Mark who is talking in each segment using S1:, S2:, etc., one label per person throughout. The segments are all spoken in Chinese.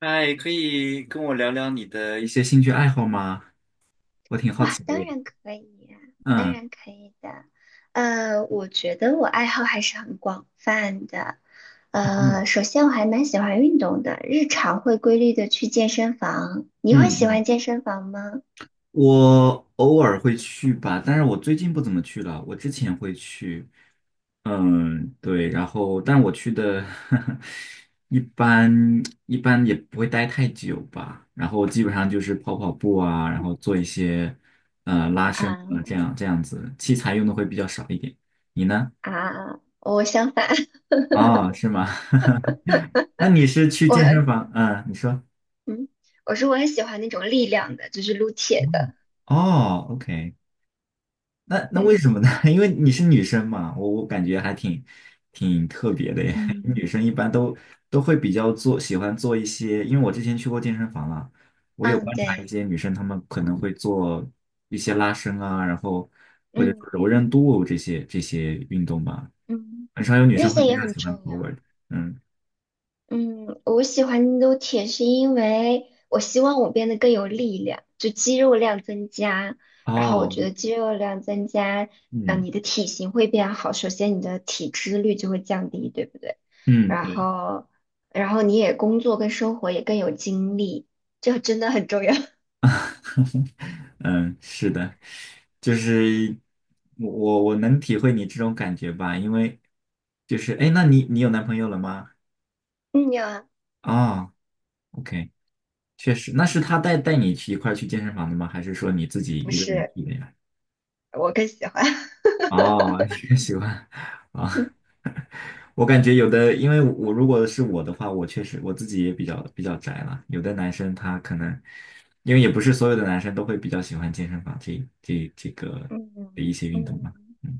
S1: 哎，可以跟我聊聊你的一些兴趣爱好吗？我挺好
S2: 哇，
S1: 奇的
S2: 当
S1: 耶。
S2: 然可以呀，当
S1: 嗯。
S2: 然可以的。我觉得我爱好还是很广泛的。
S1: 哦，
S2: 首先我还蛮喜欢运动的，日常会规律的去健身房。你会
S1: 嗯
S2: 喜
S1: 嗯，
S2: 欢健身房吗？
S1: 我偶尔会去吧，但是我最近不怎么去了。我之前会去，嗯，对，然后，但我去的 一般一般也不会待太久吧。然后基本上就是跑跑步啊，然后做一些拉伸啊，这
S2: 啊，
S1: 样这样子，器材用的会比较少一点。你呢？
S2: 啊，我相反，
S1: 哦，是吗？那你是去
S2: 我
S1: 健身房？嗯，你说。
S2: 嗯，我是我很喜欢那种力量的，就是撸铁
S1: 嗯，
S2: 的。
S1: 哦，OK，那为
S2: 对，
S1: 什么呢？因为你是女生嘛，我感觉还挺特别的耶。女
S2: 嗯
S1: 生一般都会比较做，喜欢做一些，因为我之前去过健身房了，我有
S2: 嗯，
S1: 观察一
S2: 对，
S1: 些女生，她们可能会做一些拉伸啊，然后或者
S2: 嗯
S1: 说柔
S2: 嗯
S1: 韧度这些运动吧，
S2: 嗯，
S1: 很少有女
S2: 那
S1: 生会
S2: 些
S1: 比
S2: 也
S1: 较
S2: 很
S1: 喜欢
S2: 重要。
S1: power 的。嗯。
S2: 嗯，我喜欢撸铁是因为我希望我变得更有力量，就肌肉量增加。然后我
S1: 哦。
S2: 觉得肌肉量增加，
S1: 嗯
S2: 你的体型会变好，首先你的体脂率就会降低，对不对？
S1: 嗯，
S2: 然
S1: 对。
S2: 后，然后你也工作跟生活也更有精力，这真的很重要。
S1: 嗯，是的，就是我能体会你这种感觉吧，因为就是哎，诶那你有男朋友了吗？
S2: 嗯呀，
S1: 啊，OK，确实，那是他带你去一块儿去健身房的吗？还是说你自己
S2: 不
S1: 一个人
S2: 是，
S1: 去的呀？
S2: 我更喜欢。
S1: 哦，你也喜欢啊？我感觉有的，因为我如果是我的话，我确实我自己也比较宅了。有的男生他可能，因为也不是所有的男生都会比较喜欢健身房这个的
S2: 嗯
S1: 一些运动嘛。
S2: 嗯。
S1: 嗯，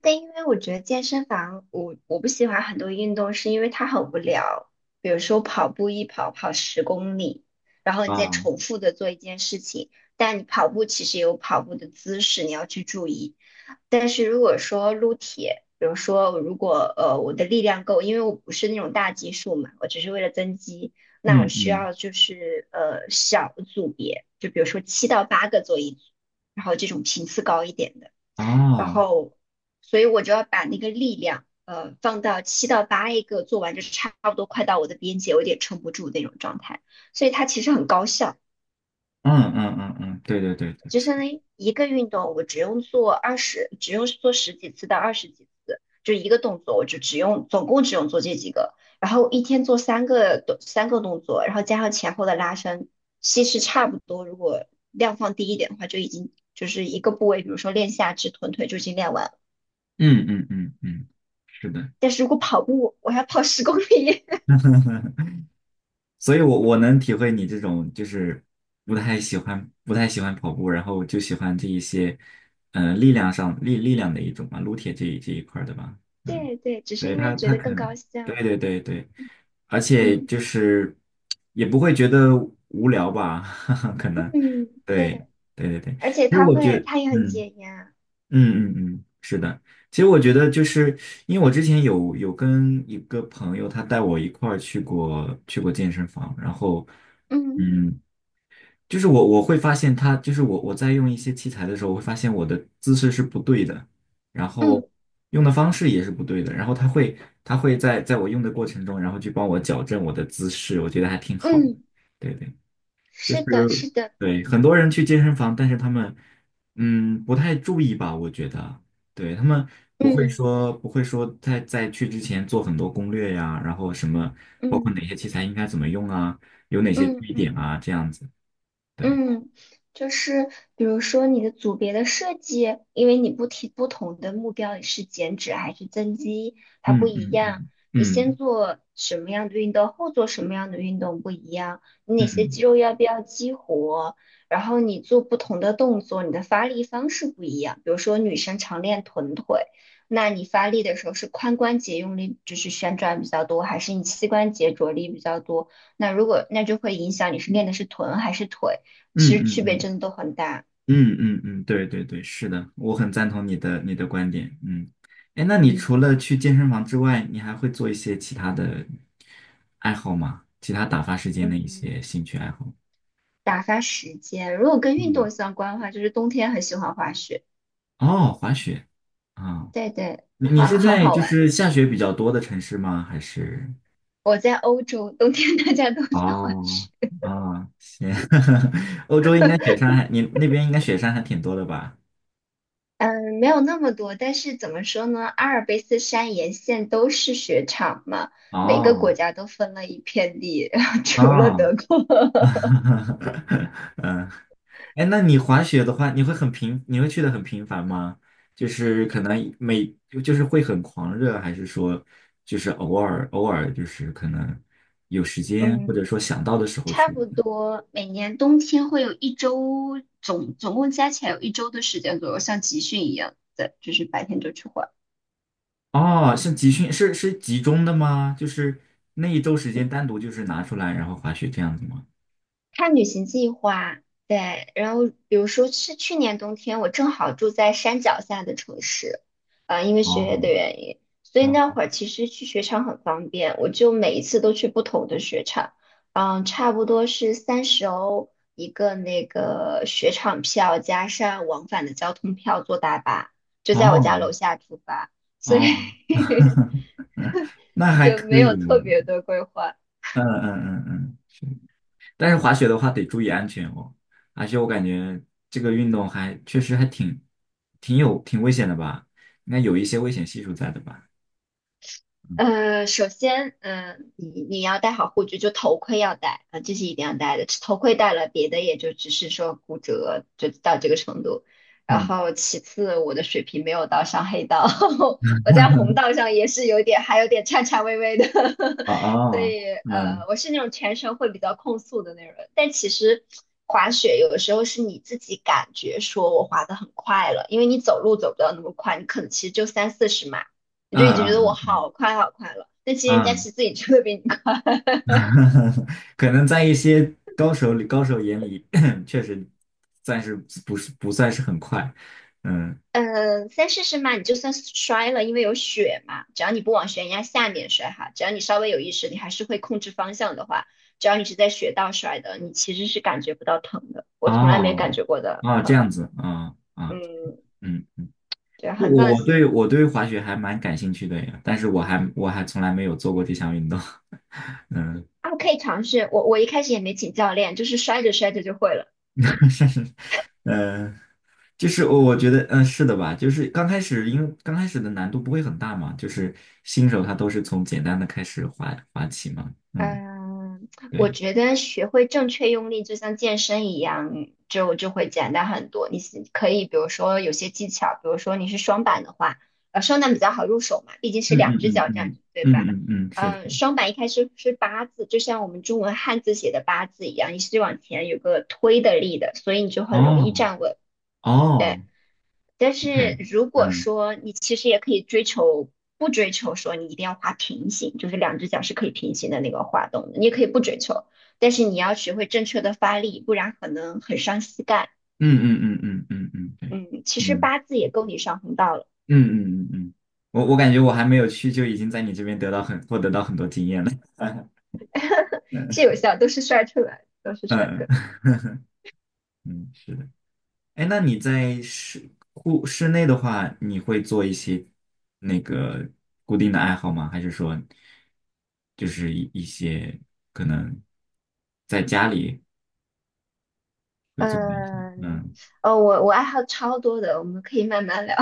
S2: 但因为我觉得健身房，我不喜欢很多运动，是因为它很无聊。比如说跑步，一跑跑十公里，然后你再
S1: 啊，
S2: 重复的做一件事情，但你跑步其实有跑步的姿势，你要去注意。但是如果说撸铁，比如说如果我的力量够，因为我不是那种大基数嘛，我只是为了增肌，那我
S1: 嗯
S2: 需
S1: 嗯，
S2: 要就是小组别，就比如说7到8个做一组，然后这种频次高一点的。然
S1: 哦，
S2: 后，所以我就要把那个力量，放到七到八一个做完就差不多快到我的边界，我有点撑不住那种状态。所以它其实很高效，
S1: 嗯嗯嗯嗯，对对对对，
S2: 就相当于一个运动，我只用做二十，只用做十几次到二十几次，就一个动作，我就只用总共只用做这几个，然后一天做三个动作，然后加上前后的拉伸，其实差不多。如果量放低一点的话，就已经就是一个部位，比如说练下肢、臀腿就已经练完。
S1: 嗯嗯嗯嗯，是的。
S2: 但是如果跑步，我要跑十公里。
S1: 所以我能体会你这种就是不太喜欢跑步，然后就喜欢这一些，力量上力量的一种嘛，撸铁这一块儿的吧，嗯，
S2: 对对，只是
S1: 对
S2: 因为
S1: 他
S2: 觉
S1: 他
S2: 得
S1: 可
S2: 更高
S1: 能对
S2: 效。
S1: 对对对，而且
S2: 嗯
S1: 就是也不会觉得无聊吧，哈哈，可能，
S2: 嗯，
S1: 对
S2: 对，
S1: 对对对，
S2: 而且
S1: 其实
S2: 它
S1: 我觉
S2: 会，
S1: 得
S2: 它也很
S1: 嗯。
S2: 解压。
S1: 嗯嗯嗯，是的。其实我觉得，就是因为我之前有跟一个朋友，他带我一块儿去过健身房，然后，
S2: 嗯
S1: 嗯，就是我会发现他，就是我在用一些器材的时候，我会发现我的姿势是不对的，然
S2: 嗯
S1: 后用的方式也是不对的，然后他会他会在我用的过程中，然后去帮我矫正我的姿势，我觉得还挺好的。
S2: 嗯，
S1: 对对。就是
S2: 是的，是的。
S1: 对很多人去健身房，但是他们嗯不太注意吧，我觉得，对他们不会
S2: 嗯
S1: 说不会说在去之前做很多攻略呀，然后什么包括哪
S2: 嗯
S1: 些器材应该怎么用啊，有哪些注
S2: 嗯
S1: 意点
S2: 嗯。
S1: 啊，这样子，对，
S2: 嗯，就是比如说你的组别的设计，因为你不同的目标，你是减脂还是增肌，它不
S1: 嗯
S2: 一
S1: 嗯
S2: 样。
S1: 嗯
S2: 你先
S1: 嗯
S2: 做什么样的运动，后做什么样的运动不一样。你
S1: 嗯
S2: 哪些肌
S1: 嗯
S2: 肉要不要激活？然后你做不同的动作，你的发力方式不一样。比如说女生常练臀腿，那你发力的时候是髋关节用力，就是旋转比较多，还是你膝关节着力比较多？那如果那就会影响你是练的是臀还是腿。
S1: 嗯
S2: 其实区
S1: 嗯
S2: 别
S1: 嗯
S2: 真的都很大。
S1: 嗯嗯嗯，对对对，是的，我很赞同你的观点。嗯，哎，那你除
S2: 嗯，
S1: 了去健身房之外，你还会做一些其他的爱好吗？其他打发时间的一
S2: 嗯，
S1: 些兴趣爱好？
S2: 打发时间，如果跟运
S1: 嗯，
S2: 动相关的话，就是冬天很喜欢滑雪，
S1: 哦，滑雪啊，
S2: 对对，
S1: 你
S2: 好
S1: 是
S2: 很
S1: 在
S2: 好
S1: 就
S2: 玩。
S1: 是下雪比较多的城市吗？还是？
S2: 我在欧洲，冬天大家都在滑
S1: 哦，
S2: 雪。
S1: 啊，行，欧洲应该雪山还，你那边应该雪山还挺多的吧？
S2: 嗯，没有那么多，但是怎么说呢？阿尔卑斯山沿线都是雪场嘛，每个
S1: 哦，
S2: 国家都分了一片地，除了
S1: 哦，
S2: 德国。
S1: 嗯，哎，那你滑雪的话，你会很频，你会去的很频繁吗？就是可能每，就是会很狂热，还是说就是偶尔就是可能有时间，或者
S2: 嗯，
S1: 说想到的时候
S2: 差
S1: 去？
S2: 不多每年冬天会有一周，总共加起来有一周的时间左右，像集训一样的，就是白天就去。换。
S1: 哦，是集训，是是集中的吗？就是那一周时间单独就是拿出来，然后滑雪这样子吗？
S2: 看旅行计划，对，然后比如说是去年冬天，我正好住在山脚下的城市，因为学业的
S1: 哦
S2: 原因，所以
S1: 哦
S2: 那会儿其实去雪场很方便，我就每一次都去不同的雪场，嗯，差不多是30欧一个那个雪场票，加上往返的交通票，坐大巴，就在我家
S1: 哦
S2: 楼下出发，所以
S1: 哦，嗯，那还
S2: 就
S1: 可
S2: 没
S1: 以
S2: 有
S1: 呢。
S2: 特别的规划，
S1: 嗯嗯嗯嗯。但是滑雪的话得注意安全哦，而且我感觉这个运动还确实还挺有挺危险的吧，应该有一些危险系数在的吧？
S2: 首先，你要戴好护具，就头盔要戴啊、这是一定要戴的。头盔戴了，别的也就只是说骨折，就到这个程度。然
S1: 嗯
S2: 后其次，我的水平没有到上黑道，
S1: 嗯，
S2: 我在红道上也是有点，还有点颤颤巍巍的，
S1: 哦
S2: 所
S1: 哦，
S2: 以
S1: 嗯
S2: 我是那种全程会比较控速的那种人。但其实滑雪有的时候是你自己感觉说我滑得很快了，因为你走路走不到那么快，你可能其实就30到40码。你
S1: 嗯
S2: 就已经觉得我
S1: 嗯嗯
S2: 好快好快了。但其实人家
S1: 嗯，
S2: 骑自行车会比你快。
S1: 嗯 可能在一些高手眼里 确实暂时不算是很快，嗯，
S2: 嗯，试试嘛，你就算摔了，因为有雪嘛，只要你不往悬崖下面摔哈，只要你稍微有意识，你还是会控制方向的话，只要你是在雪道摔的，你其实是感觉不到疼的。我从来没感
S1: 哦
S2: 觉过的
S1: 哦，这
S2: 疼，
S1: 样子啊。啊，
S2: 嗯，
S1: 嗯。
S2: 对，
S1: 对
S2: 很放
S1: 我对
S2: 心。
S1: 我对滑雪还蛮感兴趣的呀，但是我还从来没有做过这项运动。
S2: 啊，可以尝试。我一开始也没请教练，就是摔着摔着就会了。
S1: 嗯，呃就是我觉得，嗯，是的吧？就是刚开始，因为刚开始的难度不会很大嘛，就是新手他都是从简单的开始滑起嘛。嗯，
S2: 嗯，我
S1: 对，
S2: 觉得学会正确用力，就像健身一样，就会简单很多。你是可以，比如说有些技巧，比如说你是双板的话，双板比较好入手嘛，毕竟是
S1: 嗯
S2: 两只
S1: 嗯嗯
S2: 脚站
S1: 嗯
S2: 着，对吧？
S1: 嗯嗯嗯，是。
S2: 双板一开始是八字，就像我们中文汉字写的八字一样，你是往前有个推的力的，所以你就很容易
S1: 哦
S2: 站稳。对。
S1: 哦
S2: 但是
S1: ，OK，
S2: 如果
S1: 嗯
S2: 说你其实也可以追求，不追求说你一定要滑平行，就是两只脚是可以平行的那个滑动的，你也可以不追求，但是你要学会正确的发力，不然可能很伤膝盖。
S1: 嗯嗯嗯嗯嗯嗯，对，
S2: 嗯，其实
S1: 嗯
S2: 八字也够你上红道了，
S1: 嗯嗯嗯嗯，我感觉我还没有去，就已经在你这边得到很得到很多经验了。
S2: 是有效都是帅出来的都是帅出
S1: 嗯
S2: 来的。
S1: 嗯，嗯，是的。哎，那你在室户室内的话，你会做一些那个固定的爱好吗？还是说就是一些可能在家里会做的一些？
S2: 嗯，
S1: 嗯，
S2: 哦，我爱好超多的，我们可以慢慢聊。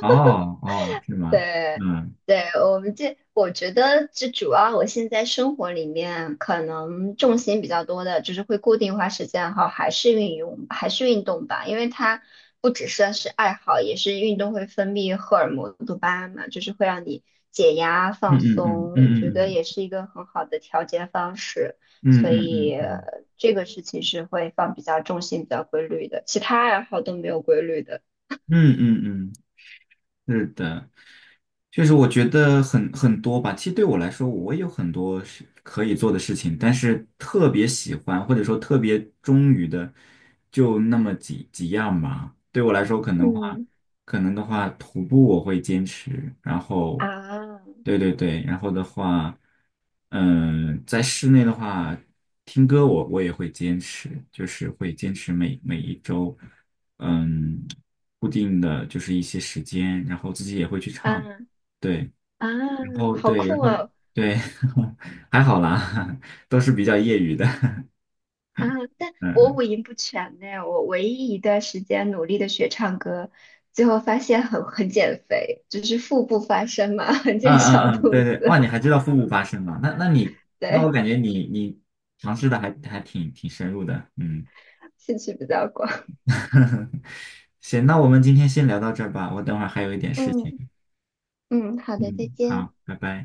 S1: 哦哦，是吗？
S2: 对，
S1: 嗯
S2: 对，我觉得这主要我现在生活里面可能重心比较多的，就是会固定花时间哈，还是运动吧，因为它不只算是爱好，也是运动会分泌荷尔蒙多巴胺嘛，就是会让你解压
S1: 嗯
S2: 放
S1: 嗯
S2: 松，我觉
S1: 嗯
S2: 得
S1: 嗯
S2: 也是一个很好的调节方式，
S1: 嗯
S2: 所
S1: 嗯嗯
S2: 以
S1: 嗯嗯
S2: 这个事情是会放比较重心比较规律的，其他爱好都没有规律的。
S1: 嗯嗯嗯嗯。嗯嗯，是的，就是我觉得很多吧。其实对我来说，我也有很多是可以做的事情，但是特别喜欢或者说特别忠于的，就那么几样吧。对我来说，可能话，
S2: 嗯
S1: 可能的话，徒步我会坚持，然后，
S2: 啊，
S1: 对对对，然后的话，嗯、在室内的话，听歌我也会坚持，就是会坚持每一周。嗯，固定的就是一些时间，然后自己也会去唱，
S2: 啊。
S1: 对，
S2: 啊，
S1: 然后
S2: 好
S1: 对，
S2: 酷
S1: 然后
S2: 哦！
S1: 对，还好啦，都是比较业余的，
S2: 啊，但 我
S1: 嗯
S2: 五音不全呢。我唯一一段时间努力的学唱歌，最后发现很减肥，就是腹部发声嘛，很
S1: 嗯
S2: 减
S1: 嗯
S2: 小
S1: 嗯，
S2: 肚
S1: 对对，哇，
S2: 子。
S1: 你还知道腹部发声吗那那你那我
S2: 对，
S1: 感觉你尝试的还还挺深入的，嗯，
S2: 兴趣比较广。
S1: 行，那我们今天先聊到这儿吧，我等会儿还有一点事情，
S2: 嗯嗯，好的，再
S1: 嗯，
S2: 见。
S1: 好，拜拜。